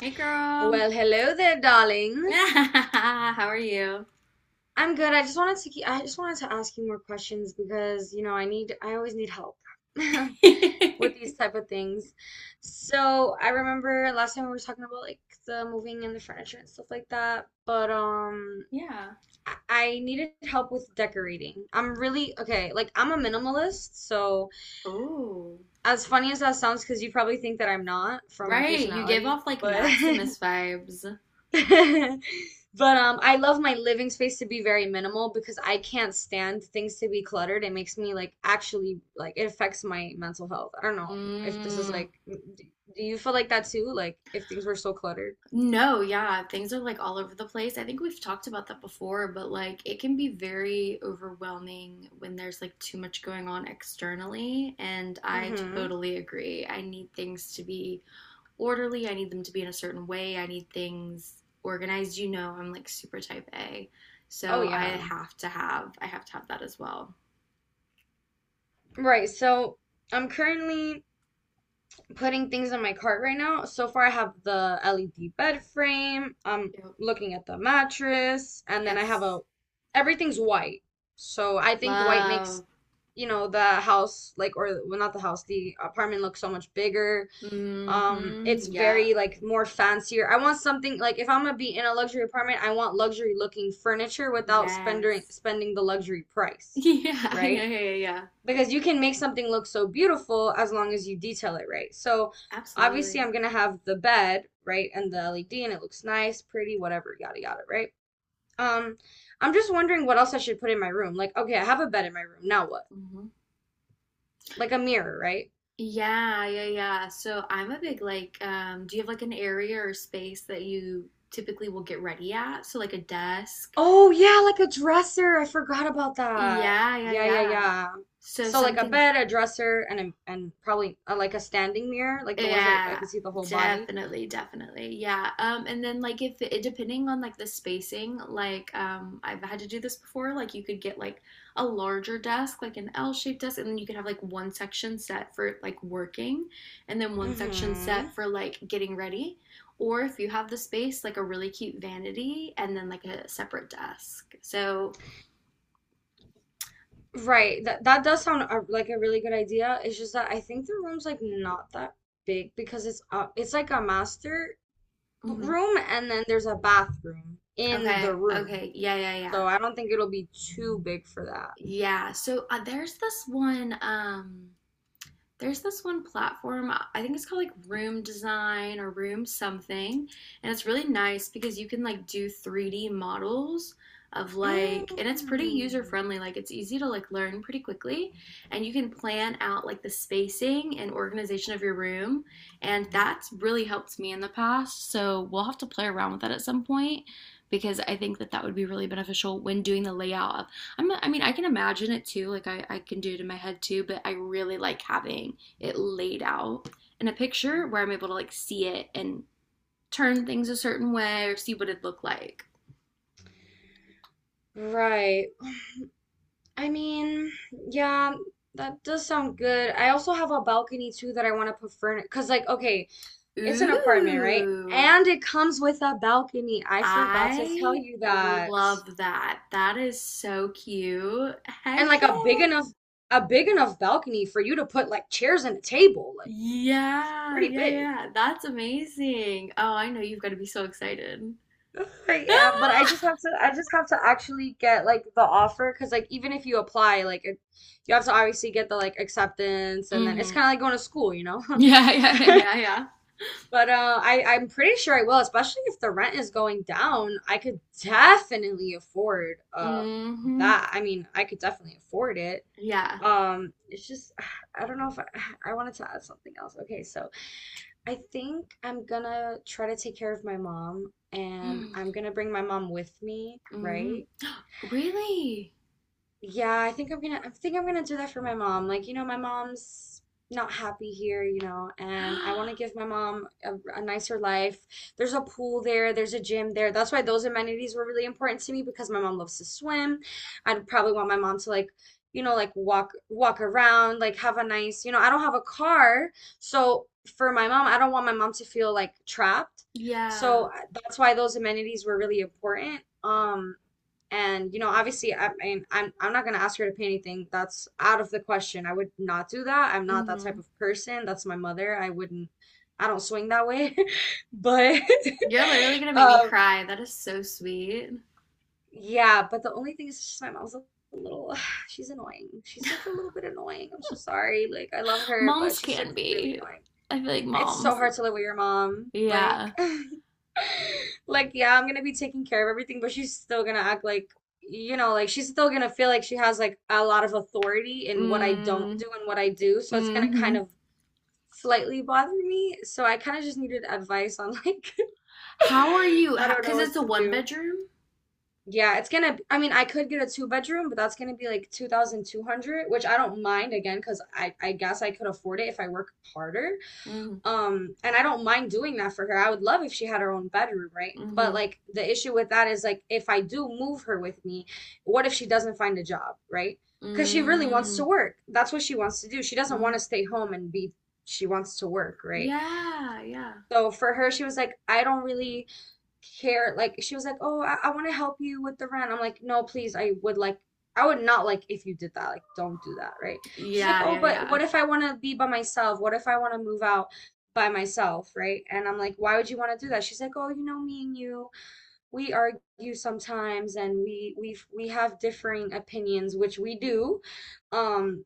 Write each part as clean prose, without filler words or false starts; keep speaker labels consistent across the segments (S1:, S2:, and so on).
S1: Hey, girl.
S2: Well, hello there, darling.
S1: How are you?
S2: I'm good. I just wanted to ask you more questions because, you know, I always need help with these type of things. So, I remember last time we were talking about like the moving and the furniture and stuff like that, but
S1: Yeah.
S2: I needed help with decorating. I'm really okay, like I'm a minimalist, so
S1: Oh,
S2: as funny as that sounds, because you probably think that I'm not from my
S1: right. You gave
S2: personality,
S1: off like
S2: but
S1: Maximus vibes.
S2: But I love my living space to be very minimal because I can't stand things to be cluttered. It makes me actually like it affects my mental health. I don't know if this is
S1: Mm.
S2: like, do you feel like that too? Like if things were so cluttered?
S1: No, yeah, things are like all over the place. I think we've talked about that before, but like it can be very overwhelming when there's like too much going on externally. And I
S2: Mm-hmm.
S1: totally agree. I need things to be orderly. I need them to be in a certain way. I need things organized. You know, I'm like super type A.
S2: Oh
S1: So I
S2: yeah.
S1: have to have I have to have that as well.
S2: Right. So I'm currently putting things in my cart right now. So far I have the LED bed frame. I'm
S1: Yep.
S2: looking at the mattress, and then I have a
S1: Yes.
S2: everything's white. So I think white makes,
S1: Love.
S2: you know, the house like, or well, not the house, the apartment looks so much bigger.
S1: Mm-hmm.
S2: It's
S1: Yeah.
S2: very like more fancier. I want something like, if I'm gonna be in a luxury apartment, I want luxury looking furniture without spending
S1: Yes.
S2: spending the luxury price.
S1: Yeah, yeah,
S2: Right,
S1: yeah, yeah, yeah.
S2: because you can make something look so beautiful as long as you detail it right. So obviously
S1: Absolutely.
S2: I'm gonna have the bed, right? And the LED, and it looks nice, pretty, whatever, yada yada, right? um I'm just wondering what else I should put in my room. Like, okay, I have a bed in my room, now what?
S1: Hmm.
S2: Like a mirror, right?
S1: Yeah, yeah, yeah. So I'm a big like, do you have like an area or space that you typically will get ready at? So like a desk.
S2: Oh yeah, like a dresser. I forgot about that.
S1: Yeah, yeah,
S2: Yeah, yeah,
S1: yeah.
S2: yeah.
S1: So
S2: So like a
S1: something.
S2: bed, a dresser, and and probably like a standing mirror, like the ones that I
S1: Yeah,
S2: can see the whole body.
S1: definitely, definitely. Yeah. And then like if it depending on like the spacing, like I've had to do this before, like you could get like a larger desk, like an L-shaped desk, and then you could have like one section set for like working and then one section
S2: Hmm.
S1: set for like getting ready. Or if you have the space, like a really cute vanity and then like a separate desk. So,
S2: Right. That that does sound like a really good idea. It's just that I think the room's like not that big because it's like a master
S1: mhm.
S2: room, and then there's a bathroom in
S1: Okay,
S2: the room.
S1: okay. Yeah, yeah,
S2: So
S1: yeah.
S2: I don't think it'll be too big for that.
S1: Yeah. So there's this one platform. I think it's called like Room Design or Room something, and it's really nice because you can like do 3d models of like, and it's pretty user
S2: Mm.
S1: friendly, like it's easy to like learn pretty quickly, and you can plan out like the spacing and organization of your room. And that's really helped me in the past, so we'll have to play around with that at some point because I think that that would be really beneficial when doing the layout of I mean, I can imagine it too, like I can do it in my head too, but I really like having it laid out in a picture where I'm able to like see it and turn things a certain way or see what it looked like.
S2: Right. I mean, yeah, that does sound good. I also have a balcony too that I want to put furniture, because, like, okay, it's an apartment, right?
S1: Ooh,
S2: And it comes with a balcony. I forgot to tell
S1: I
S2: you that.
S1: love that. That is so cute.
S2: And
S1: Heck yeah.
S2: a big enough balcony for you to put like chairs and a table. Like, it's
S1: Yeah,
S2: pretty
S1: yeah,
S2: big.
S1: yeah. That's amazing. Oh, I know you've got to be so excited.
S2: Yeah, but I just have to actually get like the offer, because like even if you apply, like it, you have to obviously get the like acceptance, and then it's
S1: Mm-hmm.
S2: kind of like going to school, you know?
S1: Yeah, yeah, yeah.
S2: But I'm pretty sure I will, especially if the rent is going down. I could definitely afford
S1: Mm-hmm.
S2: that. I mean, I could definitely afford it.
S1: Yeah.
S2: It's just I don't know if I, I wanted to add something else. Okay, so I think I'm gonna try to take care of my mom, and I'm
S1: Mm,
S2: gonna bring my mom with me,
S1: mm.
S2: right?
S1: Really?
S2: Yeah, I think I'm gonna do that for my mom. Like, you know, my mom's not happy here, you know, and I want to give my a nicer life. There's a pool there, there's a gym there. That's why those amenities were really important to me, because my mom loves to swim. I'd probably want my mom to like, you know, like walk around, like have a nice, you know, I don't have a car, so for my mom, I don't want my mom to feel like trapped. So
S1: Yeah.
S2: that's why those amenities were really important. And you know, obviously, I mean, I'm not gonna ask her to pay anything. That's out of the question. I would not do that. I'm not that type
S1: Hmm.
S2: of person. That's my mother. I wouldn't. I don't swing that way. But
S1: You're literally gonna make me
S2: um,
S1: cry. That is so sweet.
S2: yeah. But the only thing is, just my mom's a little. She's annoying. She's like a little bit annoying. I'm so sorry. Like I love her, but
S1: Moms
S2: she's like
S1: can
S2: really
S1: be.
S2: annoying.
S1: I feel like
S2: It's so
S1: moms.
S2: hard to live with your mom. Like.
S1: Yeah.
S2: Like, yeah, I'm gonna be taking care of everything, but she's still gonna act like, you know, like she's still gonna feel like she has like a lot of authority in what I don't
S1: Mm.
S2: do and what I do. So it's gonna kind
S1: Hmm.
S2: of slightly bother me. So I kind of just needed advice on like,
S1: How are you?
S2: I don't know
S1: Because it's
S2: what
S1: a
S2: to
S1: one
S2: do.
S1: bedroom.
S2: Yeah, it's gonna, I mean, I could get a two bedroom, but that's gonna be like 2,200, which I don't mind again, because I guess I could afford it if I work harder.
S1: Mm.
S2: And I don't mind doing that for her. I would love if she had her own bedroom, right? But
S1: Hmm.
S2: like the issue with that is like if I do move her with me, what if she doesn't find a job, right? Because she really wants to
S1: Mm.
S2: work. That's what she wants to do. She doesn't want
S1: Mm.
S2: to stay home and be, she wants to work, right?
S1: Yeah. Yeah.
S2: So for her, she was like, I don't really care. Like she was like, "Oh, I want to help you with the rent." I'm like, "No, please. I would not like if you did that. Like don't do that, right?" She's like,
S1: Yeah.
S2: "Oh,
S1: Yeah.
S2: but
S1: Yeah.
S2: what if I want to be by myself? What if I want to move out by myself, right?" And I'm like, "Why would you want to do that?" She's like, "Oh, you know, me and you, we argue sometimes and we have differing opinions, which we do." Um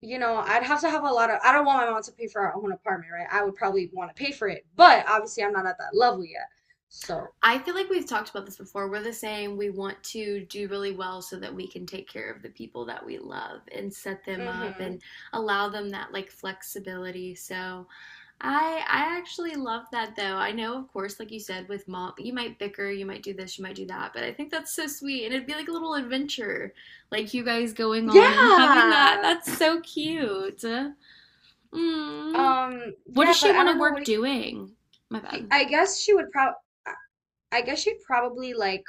S2: You know, I'd have to have a lot of, I don't want my mom to pay for our own apartment, right? I would probably want to pay for it, but obviously I'm not at that level yet. So,
S1: I feel like we've talked about this before. We're the same. We want to do really well so that we can take care of the people that we love and set them up
S2: mm-hmm.
S1: and allow them that like flexibility. So I actually love that though. I know, of course, like you said, with mom, you might bicker, you might do this, you might do that, but I think that's so sweet. And it'd be like a little adventure, like you guys going on and having that.
S2: Yeah.
S1: That's so cute. Mm. What
S2: Yeah,
S1: does
S2: but
S1: she
S2: I
S1: want to
S2: don't know what
S1: work
S2: he,
S1: doing? My
S2: she
S1: bad.
S2: I guess she would prob I I guess she'd probably like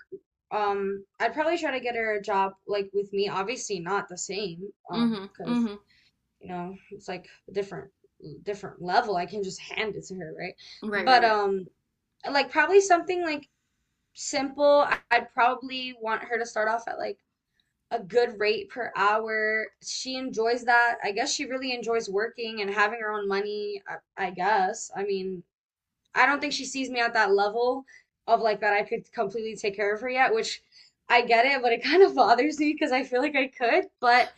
S2: I'd probably try to get her a job like with me. Obviously not the same,
S1: Mm-hmm.
S2: because
S1: Mm-hmm.
S2: you know, it's like a different level. I can just hand it to her, right?
S1: Right, right,
S2: But
S1: right.
S2: like probably something like simple. I'd probably want her to start off at like a good rate per hour. She enjoys that. I guess she really enjoys working and having her own money. I guess. I mean, I don't think she sees me at that level of like that I could completely take care of her yet, which I get it, but it kind of bothers me because I feel like I could, but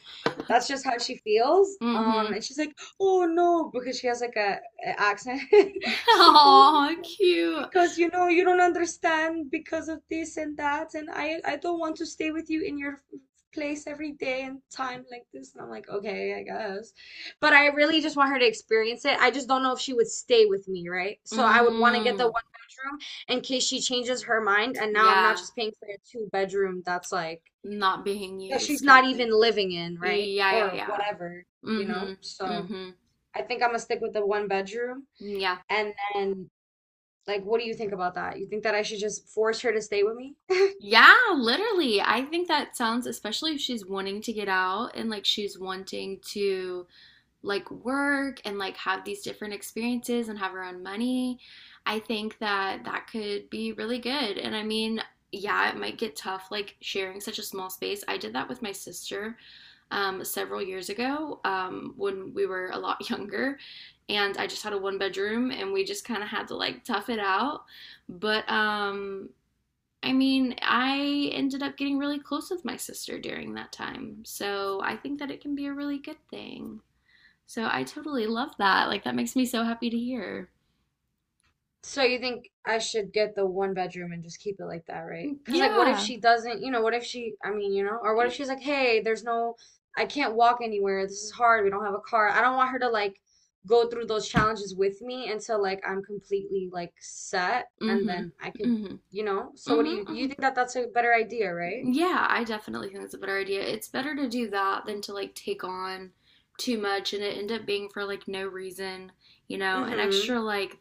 S2: that's just how she feels.
S1: Mm-hmm.
S2: And she's like, "Oh no," because she has like a accent. She's like, "Oh
S1: Oh,
S2: no."
S1: cute.
S2: Because you know you don't understand because of this and that, and I don't want to stay with you in your place every day and time like this. And I'm like, okay, I guess. But I really just want her to experience it. I just don't know if she would stay with me, right? So I would want to get the one
S1: Mm,
S2: bedroom in case she changes her mind. And now I'm not
S1: yeah,
S2: just paying for a two-bedroom that's like
S1: not being
S2: that she's
S1: used kind
S2: not
S1: of thing.
S2: even living in,
S1: Yeah,
S2: right?
S1: yeah,
S2: Or
S1: yeah.
S2: whatever, you know?
S1: Mm-hmm.
S2: So
S1: Mm-hmm.
S2: I think I'm gonna stick with the one bedroom.
S1: Yeah.
S2: And then, like, what do you think about that? You think that I should just force her to stay with me?
S1: Yeah, literally. I think that sounds, especially if she's wanting to get out and like she's wanting to like work and like have these different experiences and have her own money, I think that that could be really good. And I mean, yeah, it might get tough like sharing such a small space. I did that with my sister several years ago when we were a lot younger. And I just had a one bedroom and we just kind of had to like tough it out. But I mean, I ended up getting really close with my sister during that time. So I think that it can be a really good thing. So I totally love that. Like, that makes me so happy to hear.
S2: So you think I should get the one bedroom and just keep it like that, right?
S1: Mm,
S2: Because like, what if
S1: yeah.
S2: she doesn't? You know, what if she? I mean, you know, or what if
S1: Y-
S2: she's like, hey, there's no, I can't walk anywhere. This is hard. We don't have a car. I don't want her to like go through those challenges with me until like I'm completely like set, and
S1: Mhm.
S2: then I could,
S1: Mhm.
S2: you know. So what do
S1: Mhm.
S2: you
S1: Mhm.
S2: think that that's a better idea, right?
S1: Yeah, I definitely think that's a better idea. It's better to do that than to like take on too much and it end up being for like no reason, you know, an
S2: Mm-hmm.
S1: extra like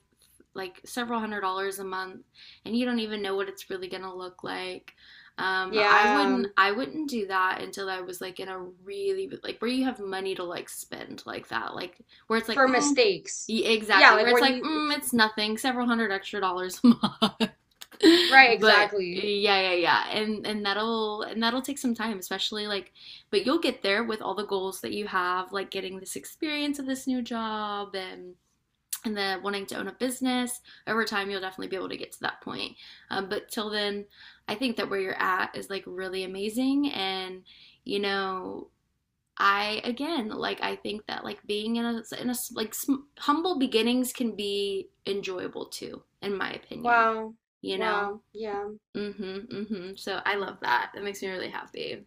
S1: like several hundred dollars a month and you don't even know what it's really going to look like. I
S2: Yeah.
S1: wouldn't I wouldn't do that until I was like in a really like where you have money to like spend like that. Like where it's like
S2: For
S1: mm,
S2: mistakes.
S1: yeah,
S2: Yeah,
S1: exactly.
S2: like
S1: Where it's
S2: when
S1: like
S2: you,
S1: mm, it's nothing, several hundred extra dollars a month.
S2: right,
S1: But
S2: exactly.
S1: yeah, yeah, yeah. And that'll take some time, especially like but you'll get there with all the goals that you have, like getting this experience of this new job and then wanting to own a business. Over time you'll definitely be able to get to that point, but till then I think that where you're at is like really amazing. And, you know, I again like I think that like being in a like humble beginnings can be enjoyable too in my opinion,
S2: Wow.
S1: you know.
S2: Wow. Yeah.
S1: Mm-hmm. Mm-hmm. So I love that. That makes me really happy.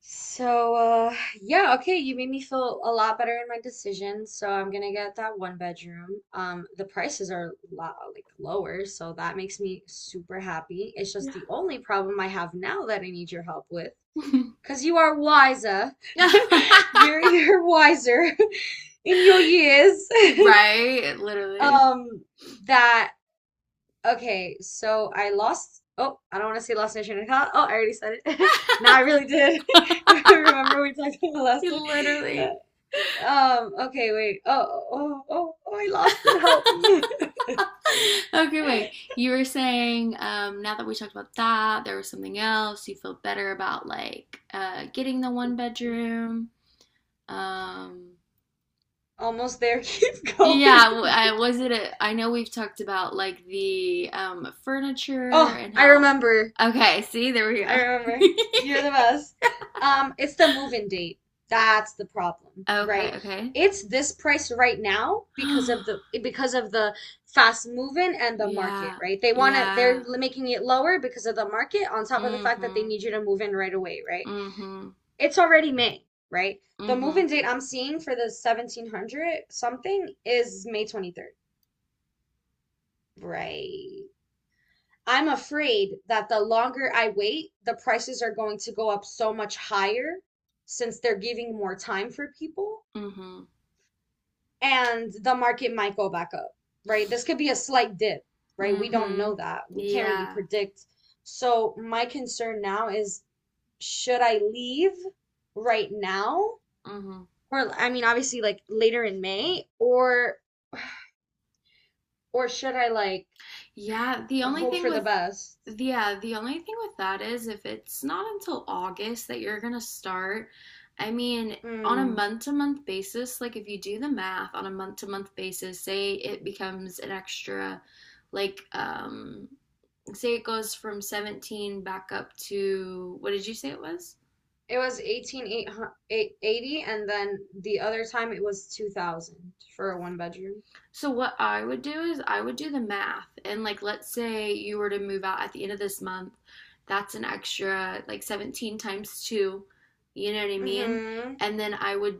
S2: So, yeah, okay, you made me feel a lot better in my decision. So I'm gonna get that one bedroom. The prices are a lot like lower, so that makes me super happy. It's just
S1: Yeah.
S2: the only problem I have now that I need your help with, because you are wiser.
S1: Yeah.
S2: You're wiser in your years.
S1: Right, literally.
S2: Um, that. Okay, so I lost. Oh, I don't want to say lost my train of thought. Oh, I already said it. No, I really did. Remember we talked about last time.
S1: Literally.
S2: Uh, Um. Okay. Wait. Oh. Oh. Oh. Oh. I lost it. Help me.
S1: Okay, wait. You were saying now that we talked about that, there was something else. You feel better about like getting the one bedroom. Um,
S2: Almost there. Keep
S1: yeah,
S2: going.
S1: I was it. A, I know we've talked about like the furniture
S2: Oh,
S1: and
S2: I
S1: how.
S2: remember.
S1: Okay, see, there we go.
S2: I remember. You're the best. It's the move-in date. That's the problem,
S1: Okay,
S2: right?
S1: okay.
S2: It's this price right now because of the fast move-in and the market,
S1: Yeah,
S2: right? They want to They're
S1: yeah.
S2: making it lower because of the market on top of the fact that they
S1: Mm-hmm.
S2: need you to move in right away, right?
S1: Mm-hmm.
S2: It's already May, right? The
S1: Mm-hmm.
S2: move-in date I'm seeing for the 1700 something is May 23rd, right? I'm afraid that the longer I wait, the prices are going to go up so much higher, since they're giving more time for people,
S1: Mm-hmm.
S2: and the market might go back up, right? This could be a slight dip, right? We don't
S1: Mm-hmm.
S2: know that. We can't really
S1: Yeah.
S2: predict. So my concern now is, should I leave right now?
S1: Mm-hmm.
S2: Or I mean, obviously like later in May, or should I like
S1: Yeah, the only
S2: hope
S1: thing
S2: for the
S1: with
S2: best?
S1: yeah, the only thing with that is if it's not until August that you're gonna start, I mean, on a
S2: Hmm.
S1: month to month basis, like if you do the math on a month to month basis, say it becomes an extra like say it goes from 17 back up to what did you say it was?
S2: It was 1880 and then the other time it was 2000 for a one bedroom.
S1: So what I would do is I would do the math and like let's say you were to move out at the end of this month, that's an extra like 17 times 2, you know what I mean?
S2: Hmm.
S1: And then I would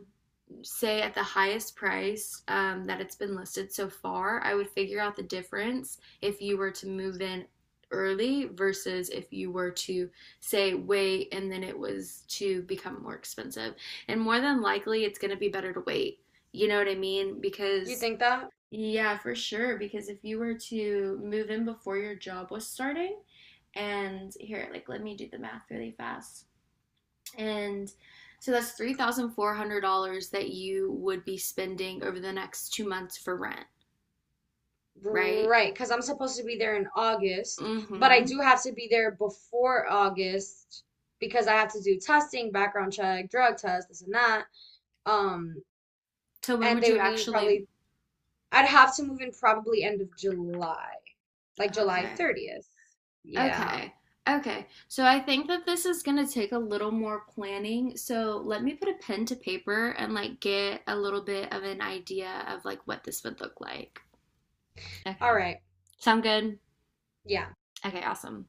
S1: say at the highest price that it's been listed so far, I would figure out the difference if you were to move in early versus if you were to say wait and then it was to become more expensive. And more than likely, it's going to be better to wait. You know what I mean?
S2: You
S1: Because
S2: think that?
S1: yeah, for sure. Because if you were to move in before your job was starting, and here, like, let me do the math really fast. And so that's $3,400 that you would be spending over the next 2 months for rent, right?
S2: Right, because I'm supposed to be there in August, but I
S1: Mm-hmm.
S2: do have to be there before August because I have to do testing, background check, drug test, this and that. Um,
S1: So when
S2: and
S1: would
S2: they
S1: you
S2: would need
S1: actually?
S2: probably, I'd have to move in probably end of July, like July
S1: Okay.
S2: 30th. Yeah.
S1: Okay. Okay. So I think that this is going to take a little more planning. So let me put a pen to paper and like get a little bit of an idea of like what this would look like.
S2: All
S1: Okay.
S2: right.
S1: Sound good?
S2: Yeah.
S1: Okay, awesome.